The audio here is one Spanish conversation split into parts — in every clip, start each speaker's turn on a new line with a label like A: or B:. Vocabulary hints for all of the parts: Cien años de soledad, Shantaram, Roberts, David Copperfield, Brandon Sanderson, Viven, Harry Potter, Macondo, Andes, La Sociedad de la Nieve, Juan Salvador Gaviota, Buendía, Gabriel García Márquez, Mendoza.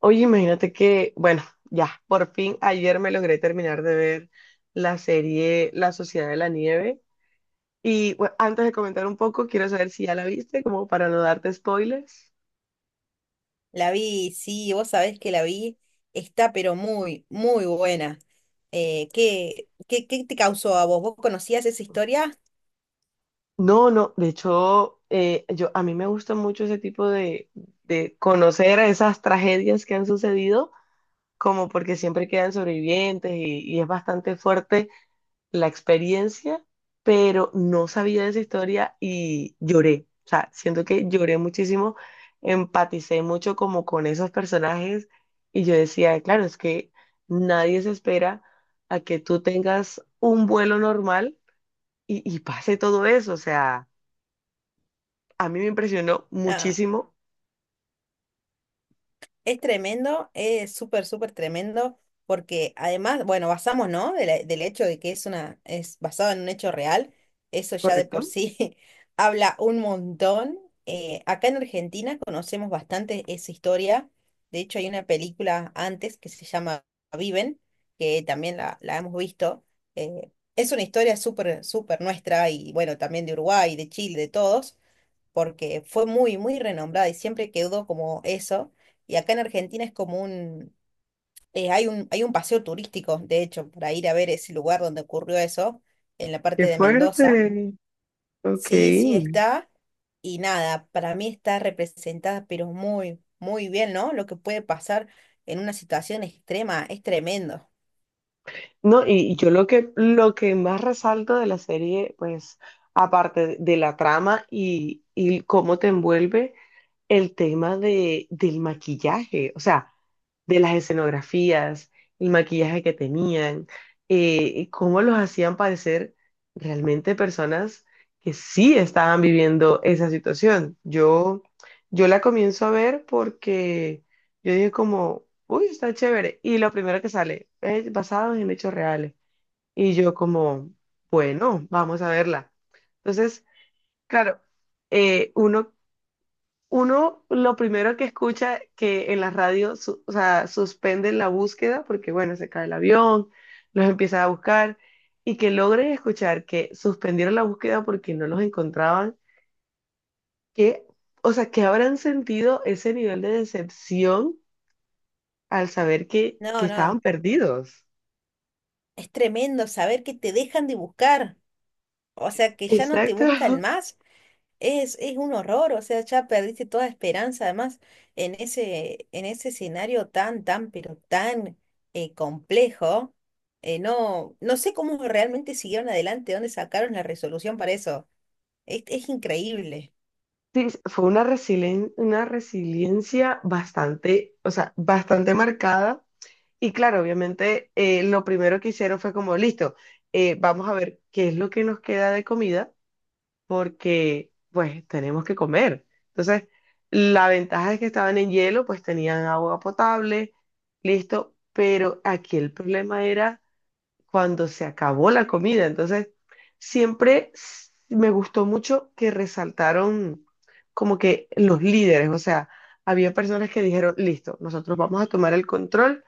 A: Oye, imagínate que, bueno, ya, por fin ayer me logré terminar de ver la serie La Sociedad de la Nieve. Y bueno, antes de comentar un poco, quiero saber si ya la viste, como para no darte spoilers.
B: La vi, sí, vos sabés que la vi, está pero muy, muy buena. ¿Qué te causó a vos? ¿Vos conocías esa historia?
A: No, no, de hecho, a mí me gusta mucho ese tipo de conocer esas tragedias que han sucedido, como porque siempre quedan sobrevivientes y es bastante fuerte la experiencia, pero no sabía de esa historia y lloré. O sea, siento que lloré muchísimo, empaticé mucho como con esos personajes y yo decía, claro, es que nadie se espera a que tú tengas un vuelo normal y pase todo eso. O sea, a mí me impresionó
B: Ah.
A: muchísimo,
B: Es tremendo, es súper, súper tremendo, porque además, bueno, basamos, ¿no? Del hecho de que es basado en un hecho real, eso ya de por
A: ¿correcto?
B: sí habla un montón. Acá en Argentina conocemos bastante esa historia. De hecho, hay una película antes que se llama Viven, que también la hemos visto. Es una historia súper, súper nuestra y bueno, también de Uruguay, de Chile, de todos porque fue muy, muy renombrada y siempre quedó como eso. Y acá en Argentina es como hay un paseo turístico, de hecho, para ir a ver ese lugar donde ocurrió eso, en la parte
A: Qué
B: de Mendoza.
A: fuerte. Ok.
B: Sí, sí está. Y nada, para mí está representada, pero muy, muy bien, ¿no? Lo que puede pasar en una situación extrema es tremendo.
A: No, y yo lo que más resalto de la serie, pues, aparte de la trama y cómo te envuelve, el tema del maquillaje, o sea, de las escenografías, el maquillaje que tenían, y cómo los hacían parecer realmente personas que sí estaban viviendo esa situación. Yo la comienzo a ver porque yo dije como, uy, está chévere. Y lo primero que sale es basado en hechos reales. Y yo como, bueno, vamos a verla. Entonces, claro, eh, uno, uno lo primero que escucha que en la radio, o sea, suspenden la búsqueda porque, bueno, se cae el avión, los empiezan a buscar y que logren escuchar que suspendieron la búsqueda porque no los encontraban, que, o sea, que habrán sentido ese nivel de decepción al saber que
B: No, no,
A: estaban perdidos.
B: es tremendo saber que te dejan de buscar. O sea, que ya no te
A: Exacto.
B: buscan más. Es un horror, o sea, ya perdiste toda esperanza, además, en ese escenario tan, tan, pero tan complejo, no sé cómo realmente siguieron adelante, dónde sacaron la resolución para eso. Es increíble.
A: Sí, fue una una resiliencia bastante, o sea, bastante marcada. Y claro, obviamente, lo primero que hicieron fue como, listo, vamos a ver qué es lo que nos queda de comida, porque pues tenemos que comer. Entonces, la ventaja es que estaban en hielo, pues tenían agua potable, listo. Pero aquí el problema era cuando se acabó la comida. Entonces, siempre me gustó mucho que resaltaron como que los líderes, o sea, había personas que dijeron, listo, nosotros vamos a tomar el control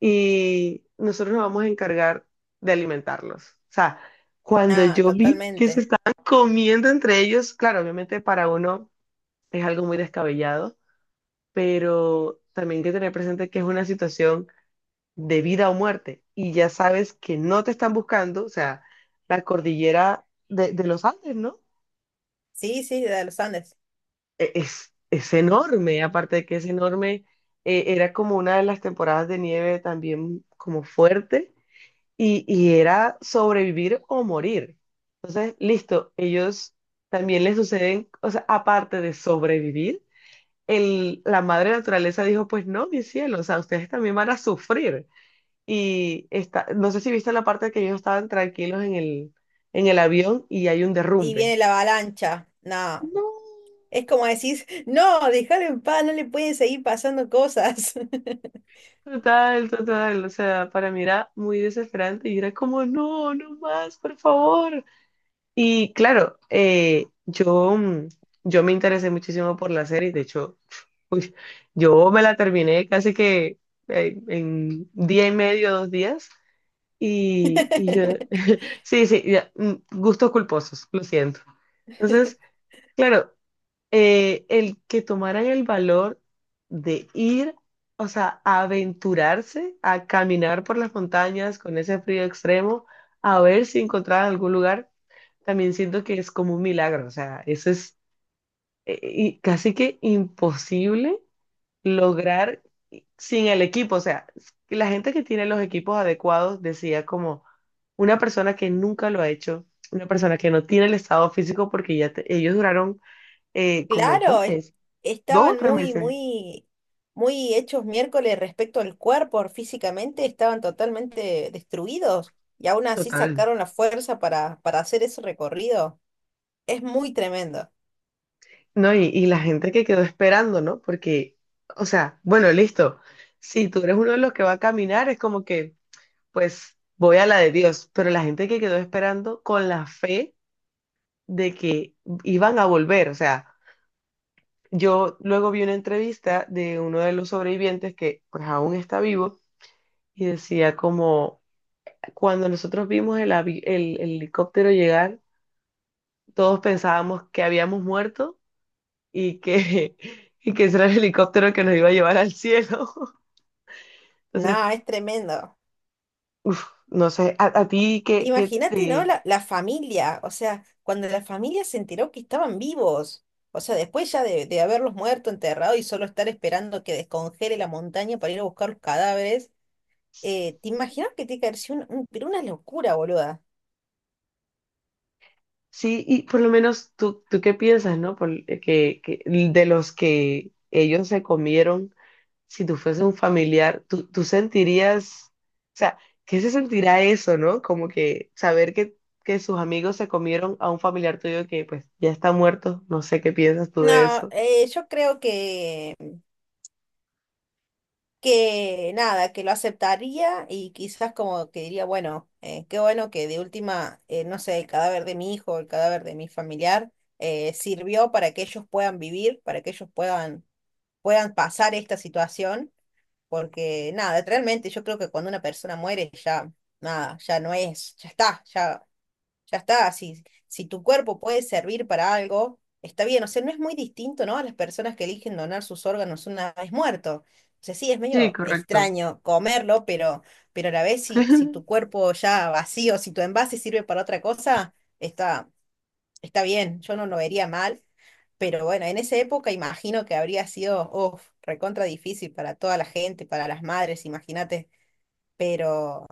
A: y nosotros nos vamos a encargar de alimentarlos. O sea, cuando
B: Ah,
A: yo vi que se
B: totalmente.
A: estaban comiendo entre ellos, claro, obviamente para uno es algo muy descabellado, pero también hay que tener presente que es una situación de vida o muerte, y ya sabes que no te están buscando, o sea, la cordillera de los Andes, ¿no?
B: Sí, sí, de los Andes.
A: Es enorme, aparte de que es enorme, era como una de las temporadas de nieve también como fuerte, y era sobrevivir o morir. Entonces, listo, ellos también les suceden, o sea, aparte de sobrevivir, la madre naturaleza dijo, pues no, mi cielo, o sea, ustedes también van a sufrir. Y está, no sé si viste la parte que ellos estaban tranquilos en el avión y hay un
B: Y
A: derrumbe.
B: viene la avalancha. No,
A: No.
B: es como decís, no, déjalo en paz, no le pueden seguir pasando cosas.
A: Total, total, o sea, para mí era muy desesperante y era como, no, no más, por favor. Y claro, yo me interesé muchísimo por la serie, de hecho, uy, yo me la terminé casi que en día y medio, 2 días, y yo, sí, sí, ya, gustos culposos, lo siento. Entonces, claro. El que tomaran el valor de ir, o sea, a aventurarse a caminar por las montañas con ese frío extremo, a ver si encontraban algún lugar, también siento que es como un milagro, o sea, eso es y casi que imposible lograr sin el equipo, o sea, la gente que tiene los equipos adecuados decía como una persona que nunca lo ha hecho, una persona que no tiene el estado físico porque ya ellos duraron como dos
B: Claro,
A: meses Dos o
B: estaban
A: tres
B: muy,
A: meses,
B: muy, muy hechos miércoles respecto al cuerpo, físicamente estaban totalmente destruidos y aún así
A: total.
B: sacaron la fuerza para hacer ese recorrido. Es muy tremendo.
A: No, y la gente que quedó esperando, ¿no? Porque, o sea, bueno, listo. Si tú eres uno de los que va a caminar, es como que, pues, voy a la de Dios. Pero la gente que quedó esperando con la fe de que iban a volver. O sea, yo luego vi una entrevista de uno de los sobrevivientes que, pues, aún está vivo y decía como, cuando nosotros vimos el, avi- el helicóptero llegar, todos pensábamos que habíamos muerto y que, y que ese era el helicóptero que nos iba a llevar al cielo.
B: No,
A: Entonces,
B: es tremendo.
A: no sé, a ti que
B: Imagínate, ¿no?
A: te...
B: La familia, o sea, cuando la familia se enteró que estaban vivos, o sea, después ya de haberlos muerto, enterrado y solo estar esperando que descongele la montaña para ir a buscar los cadáveres. ¿Te imaginas que tiene que haber sido pero una locura, boluda?
A: Sí, y por lo menos tú qué piensas, ¿no? Que de los que ellos se comieron, si tú fuese un familiar, tú sentirías, o sea, ¿qué se sentirá eso, ¿no? Como que saber que sus amigos se comieron a un familiar tuyo que pues ya está muerto, no sé qué piensas tú de
B: No,
A: eso.
B: yo creo que nada, que lo aceptaría y quizás como que diría, bueno, qué bueno que de última, no sé, el cadáver de mi hijo, el cadáver de mi familiar, sirvió para que ellos puedan vivir, para que ellos puedan, puedan pasar esta situación, porque nada, realmente yo creo que cuando una persona muere ya, nada, ya no es, ya está, ya está, si, si tu cuerpo puede servir para algo, está bien. O sea, no es muy distinto, ¿no? A las personas que eligen donar sus órganos una vez muerto. O sea, sí, es
A: Sí,
B: medio
A: correcto.
B: extraño comerlo, pero a la vez si, si tu cuerpo ya vacío, si tu envase sirve para otra cosa, está, está bien. Yo no lo vería mal. Pero bueno, en esa época imagino que habría sido, uf, recontra difícil para toda la gente, para las madres, imagínate. Pero,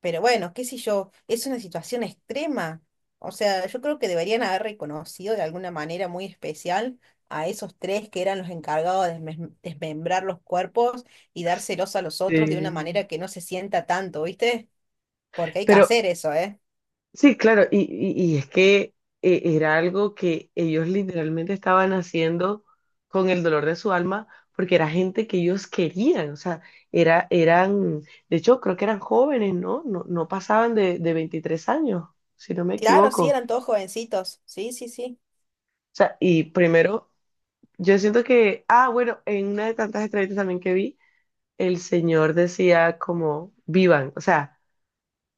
B: pero bueno, qué sé yo, es una situación extrema. O sea, yo creo que deberían haber reconocido de alguna manera muy especial a esos tres que eran los encargados de desmembrar los cuerpos y dárselos a los otros de una
A: Sí.
B: manera que no se sienta tanto, ¿viste? Porque hay que
A: Pero
B: hacer eso, ¿eh?
A: Sí, claro, y es que era algo que ellos literalmente estaban haciendo con el dolor de su alma, porque era gente que ellos querían, o sea, eran, de hecho, creo que eran jóvenes, ¿no? No, no pasaban de 23 años, si no me
B: Claro,
A: equivoco.
B: sí,
A: O
B: eran todos jovencitos. Sí, sí, sí.
A: sea, y primero, yo siento que, ah, bueno, en una de tantas entrevistas también que vi, el señor decía como, vivan, o sea,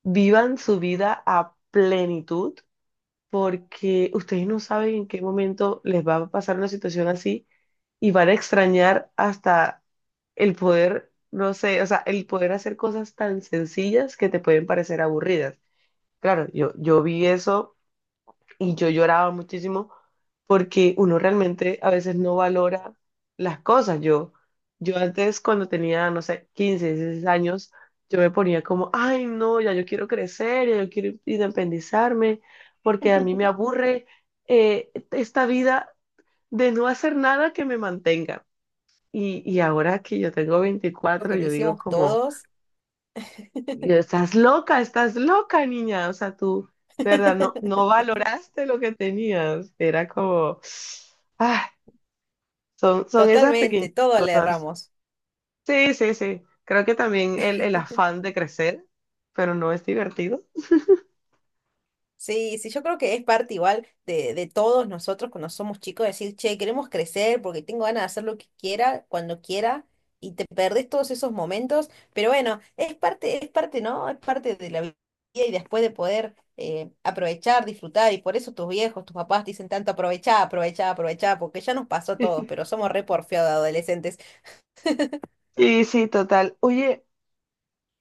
A: vivan su vida a plenitud porque ustedes no saben en qué momento les va a pasar una situación así y van a extrañar hasta el poder, no sé, o sea, el poder hacer cosas tan sencillas que te pueden parecer aburridas. Claro, yo vi eso y yo lloraba muchísimo porque uno realmente a veces no valora las cosas. Yo antes cuando tenía, no sé, 15 16 años, yo me ponía como, ay, no, ya yo quiero crecer, ya yo quiero independizarme, porque a mí me aburre esta vida de no hacer nada que me mantenga. Y ahora que yo tengo
B: Creo
A: 24
B: que lo
A: yo digo
B: hicimos
A: como...
B: todos.
A: Y yo, estás loca, niña. O sea, tú, de verdad, no, no valoraste lo que tenías. Era como, ah, son esas pequeñas
B: Totalmente, todos le
A: cosas.
B: erramos.
A: Sí, sí, sí. Creo que también el afán de crecer, pero no es divertido.
B: Sí, sí, yo creo que es parte igual de todos nosotros cuando somos chicos, decir, che, queremos crecer porque tengo ganas de hacer lo que quiera, cuando quiera, y te perdés todos esos momentos, pero bueno, es parte, ¿no? Es parte de la vida y después de poder aprovechar, disfrutar, y por eso tus viejos, tus papás dicen tanto, aprovechá, aprovechá, aprovechá, porque ya nos pasó a todos, pero somos re porfiados de adolescentes.
A: Y sí, total. Oye,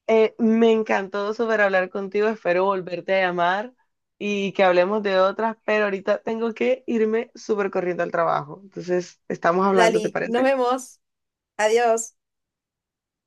A: me encantó súper hablar contigo. Espero volverte a llamar y que hablemos de otras, pero ahorita tengo que irme súper corriendo al trabajo. Entonces, estamos hablando, ¿te
B: Dali, nos
A: parece?
B: vemos, adiós.